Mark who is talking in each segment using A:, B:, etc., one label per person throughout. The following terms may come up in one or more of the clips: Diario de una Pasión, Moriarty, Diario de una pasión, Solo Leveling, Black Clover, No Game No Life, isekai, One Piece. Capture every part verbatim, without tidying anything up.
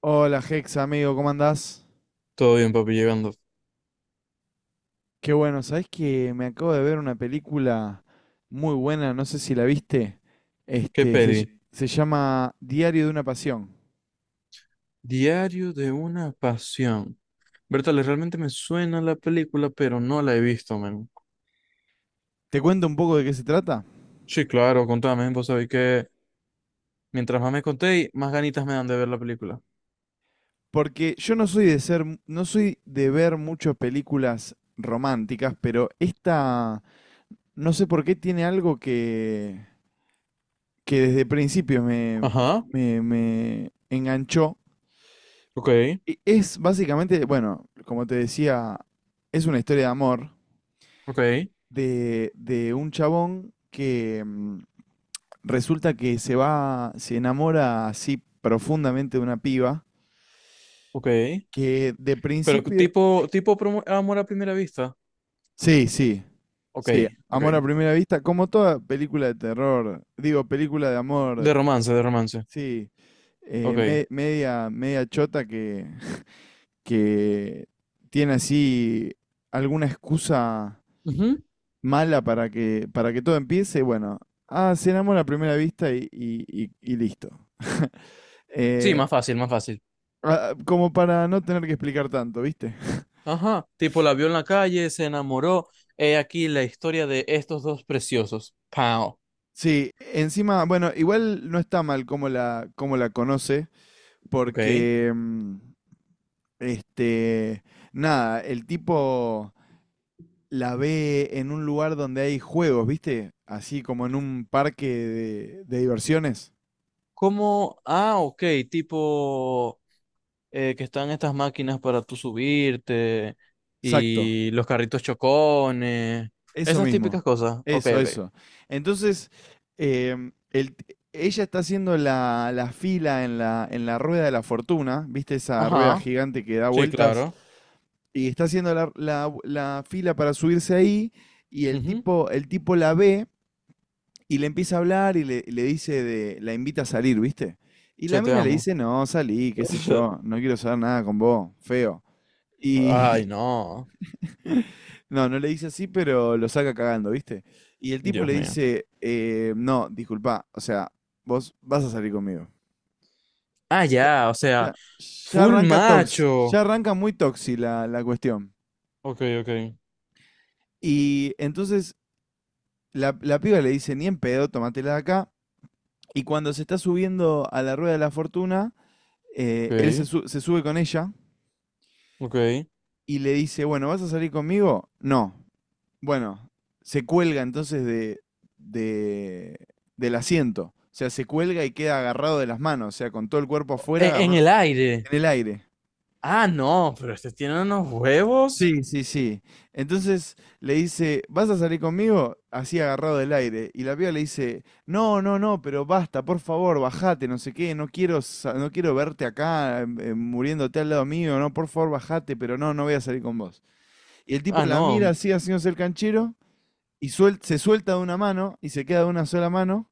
A: Hola Hex, amigo, ¿cómo andás?
B: Todo bien, papi, llegando.
A: Qué bueno, ¿sabés que me acabo de ver una película muy buena? No sé si la viste.
B: ¿Qué
A: Este, se,
B: peli?
A: ll- se llama Diario de una Pasión.
B: Diario de una pasión. Bertale, realmente me suena la película, pero no la he visto, men.
A: ¿Te cuento un poco de qué se trata?
B: Sí, claro, contame, vos sabés que mientras más me contéis, más ganitas me dan de ver la película.
A: Porque yo no soy de ser, mu- no soy de ver muchas películas románticas, pero esta, no sé por qué tiene algo que, que desde principio me,
B: Ajá,
A: me, me enganchó.
B: ok,
A: Y es básicamente, bueno, como te decía, es una historia de amor
B: ok,
A: de, de un chabón que mm, resulta que se va, se enamora así profundamente de una piba
B: ok.
A: que de
B: Pero
A: principio,
B: tipo, tipo promo- amor a primera vista.
A: sí, sí,
B: Ok,
A: sí, amor a
B: ok.
A: primera vista, como toda película de terror, digo, película de
B: De
A: amor,
B: romance, de romance.
A: sí, eh,
B: Ok.
A: me- media, media chota que, que tiene así alguna excusa
B: Ujú.
A: mala para que, para que todo empiece, bueno, ah, cenamos a primera vista y, y- y- y listo.
B: Sí, más
A: Eh,
B: fácil, más fácil.
A: ah, como para no tener que explicar tanto, ¿viste?
B: Ajá, tipo la vio en la calle, se enamoró. He aquí la historia de estos dos preciosos. Pau.
A: Sí, encima, bueno, igual no está mal cómo la, cómo la conoce,
B: Ok.
A: porque, mm, este, nada, el tipo la ve en un lugar donde hay juegos, ¿viste? Así como en un parque de, de diversiones.
B: ¿Cómo? Ah, ok, tipo eh, que están estas máquinas para tú subirte
A: Exacto.
B: y los carritos chocones,
A: Eso
B: esas
A: mismo,
B: típicas cosas. Ok,
A: eso,
B: ok.
A: eso. Entonces, em, el t- ella está haciendo la, la fila en la, en la rueda de la fortuna, ¿viste esa rueda
B: Ajá.
A: gigante que da
B: Sí,
A: vueltas?
B: claro.
A: Y está haciendo la, la- la fila para subirse ahí y el
B: Mhm.
A: tipo, el tipo la ve y le empieza a hablar y le, le dice de, la invita a salir, ¿viste? Y
B: Che,
A: la
B: te
A: mina le
B: amo.
A: dice, no, salí, qué sé yo, no quiero saber nada con vos, feo. Y,
B: Ay, no.
A: No, no le dice así, pero lo saca cagando, ¿viste? Y el tipo
B: Dios
A: le
B: mío.
A: dice, eh, no, disculpa, o sea, vos vas a salir conmigo.
B: Ah,
A: Ya,
B: ya, o sea,
A: ya, ya
B: full
A: arranca tox, ya
B: macho.
A: arranca muy toxi la, la cuestión.
B: Ok, ok,
A: Y entonces la, la piba le dice, ni en pedo, tómatela de acá. Y cuando se está subiendo a la rueda de la fortuna, eh, él se,
B: ok,
A: su- se sube con ella
B: ok.
A: y le dice, bueno, ¿vas a salir conmigo? No. Bueno, se cuelga entonces de, de- del asiento. O sea, se cuelga y queda agarrado de las manos, o sea, con todo el cuerpo afuera,
B: En, en
A: agarrado
B: el aire.
A: en el aire.
B: Ah, no, pero este tiene unos huevos.
A: Sí, sí, sí. Entonces le dice, ¿vas a salir conmigo? Así agarrado del aire. Y la piba le dice, no, no, no, pero basta, por favor, bajate, no sé qué, no quiero, sa- no quiero verte acá, eh, muriéndote al lado mío, no, por favor, bajate, pero no, no voy a salir con vos. Y el tipo
B: Ah,
A: la mira
B: no.
A: así, haciéndose el canchero, y suel- se suelta de una mano y se queda de una sola mano.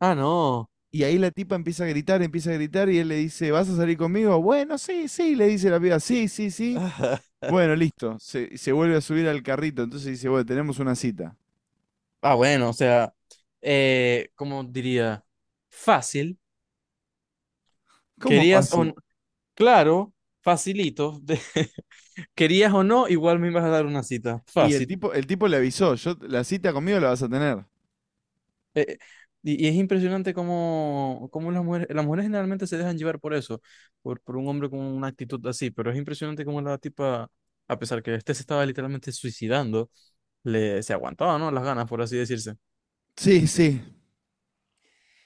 B: Ah, no.
A: Y ahí la tipa empieza a gritar, empieza a gritar y él le dice, ¿vas a salir conmigo? Bueno, sí, sí, le dice la piba, sí, sí, sí. Bueno, listo. Se, se vuelve a subir al carrito, entonces dice, bueno, tenemos una cita.
B: Ah, bueno, o sea, eh, ¿cómo diría? Fácil.
A: ¿Cómo
B: ¿Querías o
A: fácil?
B: no? Claro, facilito. ¿Querías o no? Igual me ibas a dar una cita.
A: Y el
B: Fácil.
A: tipo, el tipo le avisó, yo, la cita conmigo la vas a tener.
B: Y, y es impresionante cómo, cómo las mujeres, las mujeres generalmente se dejan llevar por eso, por, por un hombre con una actitud así, pero es impresionante cómo la tipa, a pesar que este se estaba literalmente suicidando, le, se aguantaba, ¿no? Las ganas, por así decirse.
A: Sí, sí,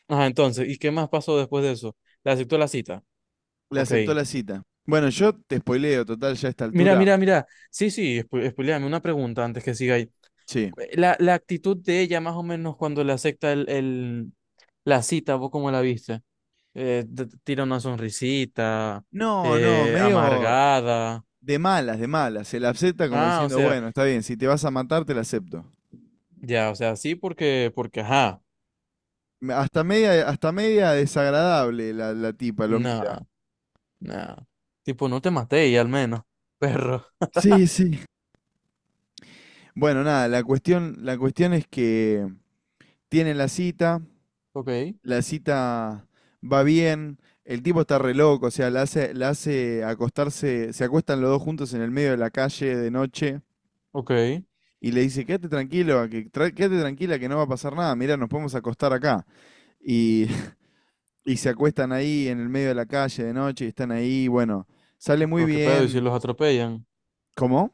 B: Ajá, entonces, ¿y qué más pasó después de eso? Le aceptó la cita.
A: le
B: Ok.
A: aceptó la cita. Bueno, yo te spoileo, total, ya a esta
B: Mira,
A: altura.
B: mira, mira. Sí, sí, espo- espoiléame una pregunta antes que siga ahí.
A: Sí.
B: Eh, La, la actitud de ella, más o menos, cuando le acepta el, el, la cita, ¿vos cómo la viste? eh, t- tira una sonrisita,
A: No, no,
B: eh,
A: medio
B: amargada.
A: de malas, de malas. Se la acepta como
B: Ah, o
A: diciendo,
B: sea,
A: bueno, está bien, si te vas a matar, te la acepto.
B: ya, o sea, sí, porque, porque, ajá,
A: Me- Hasta media, hasta media, desagradable la, la tipa, lo mira.
B: no, no. Tipo, no te maté y al menos, perro.
A: Sí, sí. Bueno, nada, la cuestión, la cuestión, es que tienen la cita,
B: Ok,
A: la cita va bien, el tipo está re loco, o sea, la hace, la hace acostarse, se acuestan los dos juntos en el medio de la calle de noche
B: ok,
A: y le dice, quédate tranquilo, a que, tra- quédate tranquila que no va a pasar nada, mira, nos podemos acostar acá. Y, y se acuestan ahí en el medio de la calle de noche y están ahí, bueno, sale muy
B: pero qué pedo, y si
A: bien.
B: los atropellan,
A: ¿Cómo?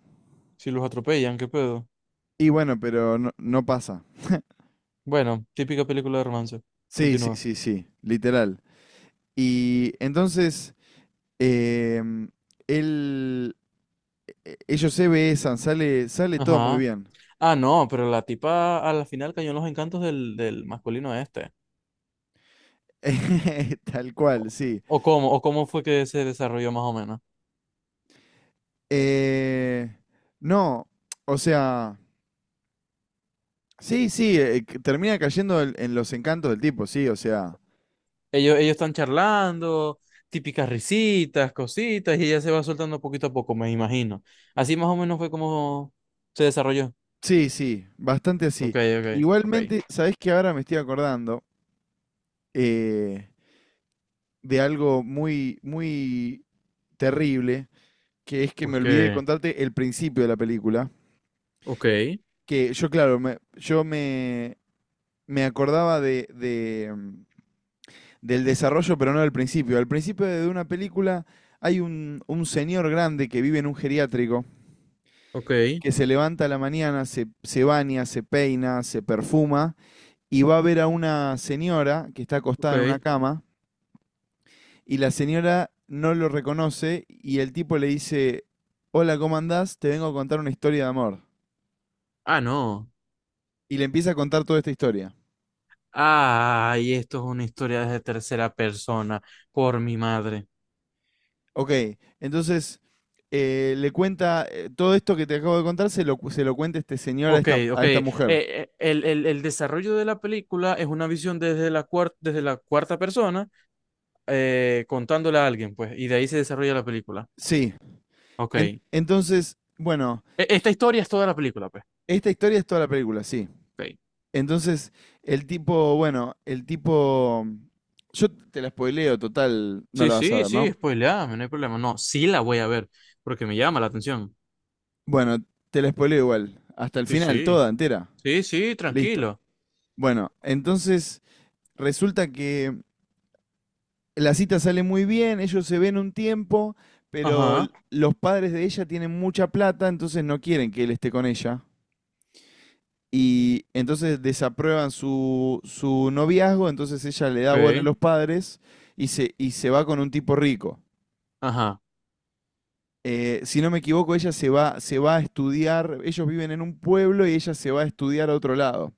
B: si los atropellan, qué pedo.
A: Y bueno, pero no, no pasa.
B: Bueno, típica película de romance.
A: Sí, sí,
B: Continúa.
A: sí, sí, literal. Y entonces, em, él, e- ellos se besan, sale, sale todo muy
B: Ajá.
A: bien.
B: Ah, no, pero la tipa a la final cayó en los encantos del, del masculino este.
A: Tal cual, sí.
B: ¿O cómo? ¿O cómo fue que se desarrolló más o menos?
A: Eh, no, o sea, sí, sí, eh, eh, que termina cayendo en, en los encantos del tipo, sí, o sea,
B: Ellos, ellos están charlando, típicas risitas, cositas, y ella se va soltando poquito a poco, me imagino. Así más o menos fue como se desarrolló.
A: sí, sí, bastante
B: Ok,
A: así.
B: ok, ok.
A: Igualmente, sabes que ahora me estoy acordando, eh, de algo muy, muy terrible que es que
B: ¿Por
A: me olvidé de
B: qué?
A: contarte el principio de la película,
B: Ok,
A: que yo, claro, me, yo me, me acordaba de, de, mm, del desarrollo, pero no del principio. Al principio de una película hay un, un señor grande que vive en un geriátrico,
B: ok,
A: que se levanta a la mañana, se, se baña, se peina, se perfuma, y va a ver a una señora que está acostada en una
B: ok.
A: cama, y la señora no lo reconoce, y el tipo le dice, hola, ¿cómo andás? Te vengo a contar una historia de amor.
B: Ah, no.
A: Y le empieza a contar toda esta historia.
B: Ay, esto es una historia de tercera persona, por mi madre.
A: Ok, entonces eh, le cuenta, eh, todo esto que te acabo de contar, se lo, cu- se lo cuenta este señor a
B: Ok,
A: esta,
B: ok.
A: a esta
B: Eh,
A: mujer.
B: eh, el, el, el desarrollo de la película es una visión desde la cuar desde la cuarta persona, eh, contándole a alguien, pues, y de ahí se desarrolla la película.
A: Sí.
B: Ok.
A: En- entonces, bueno,
B: E- esta historia es toda la película, pues.
A: esta historia es toda la película, sí.
B: Ok.
A: Entonces, el tipo, bueno, el tipo, yo te la spoileo, total, no
B: Sí,
A: la vas a
B: sí,
A: ver, ¿no?
B: sí, spoileame, no hay problema. No, sí la voy a ver, porque me llama la atención.
A: Bueno, te la spoileo igual, hasta el
B: Sí,
A: final,
B: sí,
A: toda entera,
B: sí, sí,
A: listo.
B: tranquilo.
A: Bueno, entonces resulta que la cita sale muy bien, ellos se ven un tiempo, pero l-
B: Ajá,
A: los padres de ella tienen mucha plata, entonces no quieren que él esté con ella. Y entonces desaprueban su, su, noviazgo, entonces ella le da bola a
B: ok,
A: los padres y se, y se va con un tipo rico.
B: ajá.
A: Eh, si no me equivoco, ella se va, se va a estudiar, ellos viven en un pueblo y ella se va a estudiar a otro lado,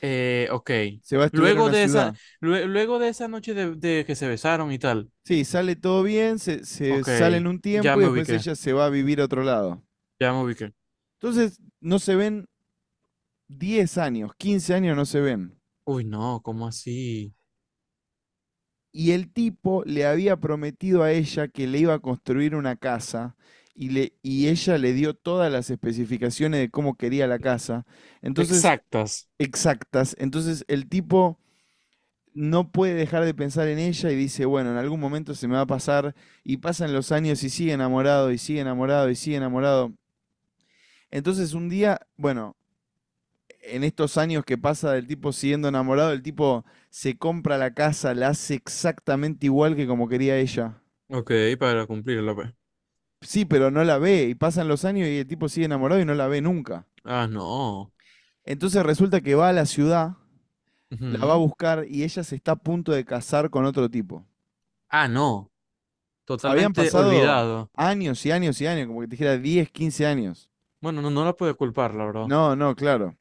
B: Eh, ok.
A: se va a estudiar a
B: Luego
A: una
B: de esa,
A: ciudad.
B: lue- luego de esa noche de, de que se besaron y tal.
A: Sí, sale todo bien, se, se
B: Ok,
A: salen un
B: ya
A: tiempo y
B: me
A: después
B: ubiqué,
A: ella se va a vivir a otro lado.
B: ya me ubiqué.
A: Entonces no se ven diez años, quince años no se ven.
B: Uy, no, ¿cómo así?
A: Y el tipo le había prometido a ella que le iba a construir una casa y, le, y ella le dio todas las especificaciones de cómo quería la casa. Entonces,
B: Exactas.
A: exactas. Entonces, el tipo no puede dejar de pensar en ella y dice, bueno, en algún momento se me va a pasar. Y pasan los años y sigue enamorado y sigue enamorado y sigue enamorado. Entonces, un día, bueno, en estos años que pasa del tipo siguiendo enamorado, el tipo se compra la casa, la hace exactamente igual que como quería ella.
B: Ok, para cumplirla, pues.
A: Sí, pero no la ve y pasan los años y el tipo sigue enamorado y no la ve nunca.
B: Ah, no.
A: Entonces resulta que va a la ciudad, la va a
B: Ujú.
A: buscar y ella se está a punto de casar con otro tipo.
B: Ah, no.
A: Habían
B: Totalmente
A: pasado
B: olvidado.
A: años y años y años, como que te dijera diez, quince años.
B: Bueno, no, no la puedo culpar, la verdad.
A: No, no, claro.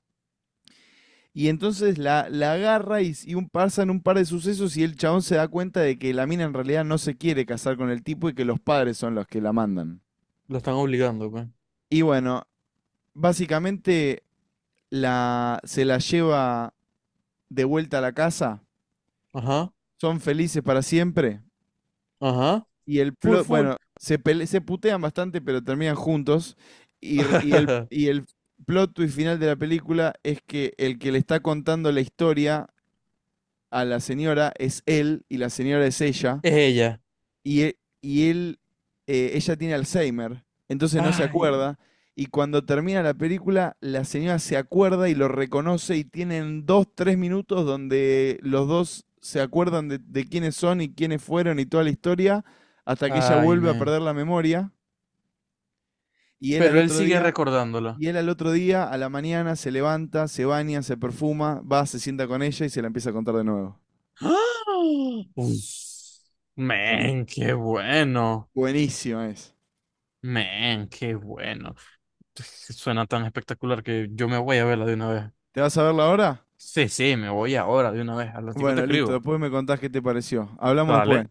A: Y entonces la, la, agarra y, s- y un, pasan un par de sucesos y el chabón se da cuenta de que la mina en realidad no se quiere casar con el tipo y que los padres son los que la mandan.
B: La están obligando, pues.
A: Y bueno, básicamente la, se la lleva de vuelta a la casa,
B: Ajá,
A: son felices para siempre
B: ajá.
A: y el
B: Full,
A: plot,
B: full.
A: bueno, se, pele- se putean bastante pero terminan juntos y, r- y el, y el plot twist final de la película es que el que le está contando la historia a la señora es él y la señora es ella.
B: Es ella.
A: y, e- y él, eh, ella tiene Alzheimer, entonces no se
B: Ay,
A: acuerda. Y cuando termina la película, la señora se acuerda y lo reconoce y tienen dos, tres minutos donde los dos se acuerdan de, de quiénes son y quiénes fueron y toda la historia, hasta que ella
B: ay,
A: vuelve a
B: men.
A: perder la memoria y él al
B: Pero él
A: otro
B: sigue
A: día,
B: recordándola.
A: y él al otro día, a la mañana, se levanta, se baña, se perfuma, va, se sienta con ella y se la empieza a contar de nuevo.
B: ¡Ah! Uf. Men, qué bueno.
A: Buenísima es.
B: Men, qué bueno. Suena tan espectacular que yo me voy a verla de una vez.
A: ¿Te vas a verla ahora?
B: Sí, sí, me voy ahora de una vez. Al ratico te
A: Bueno, listo.
B: escribo.
A: Después me contás qué te pareció. Hablamos después.
B: Dale.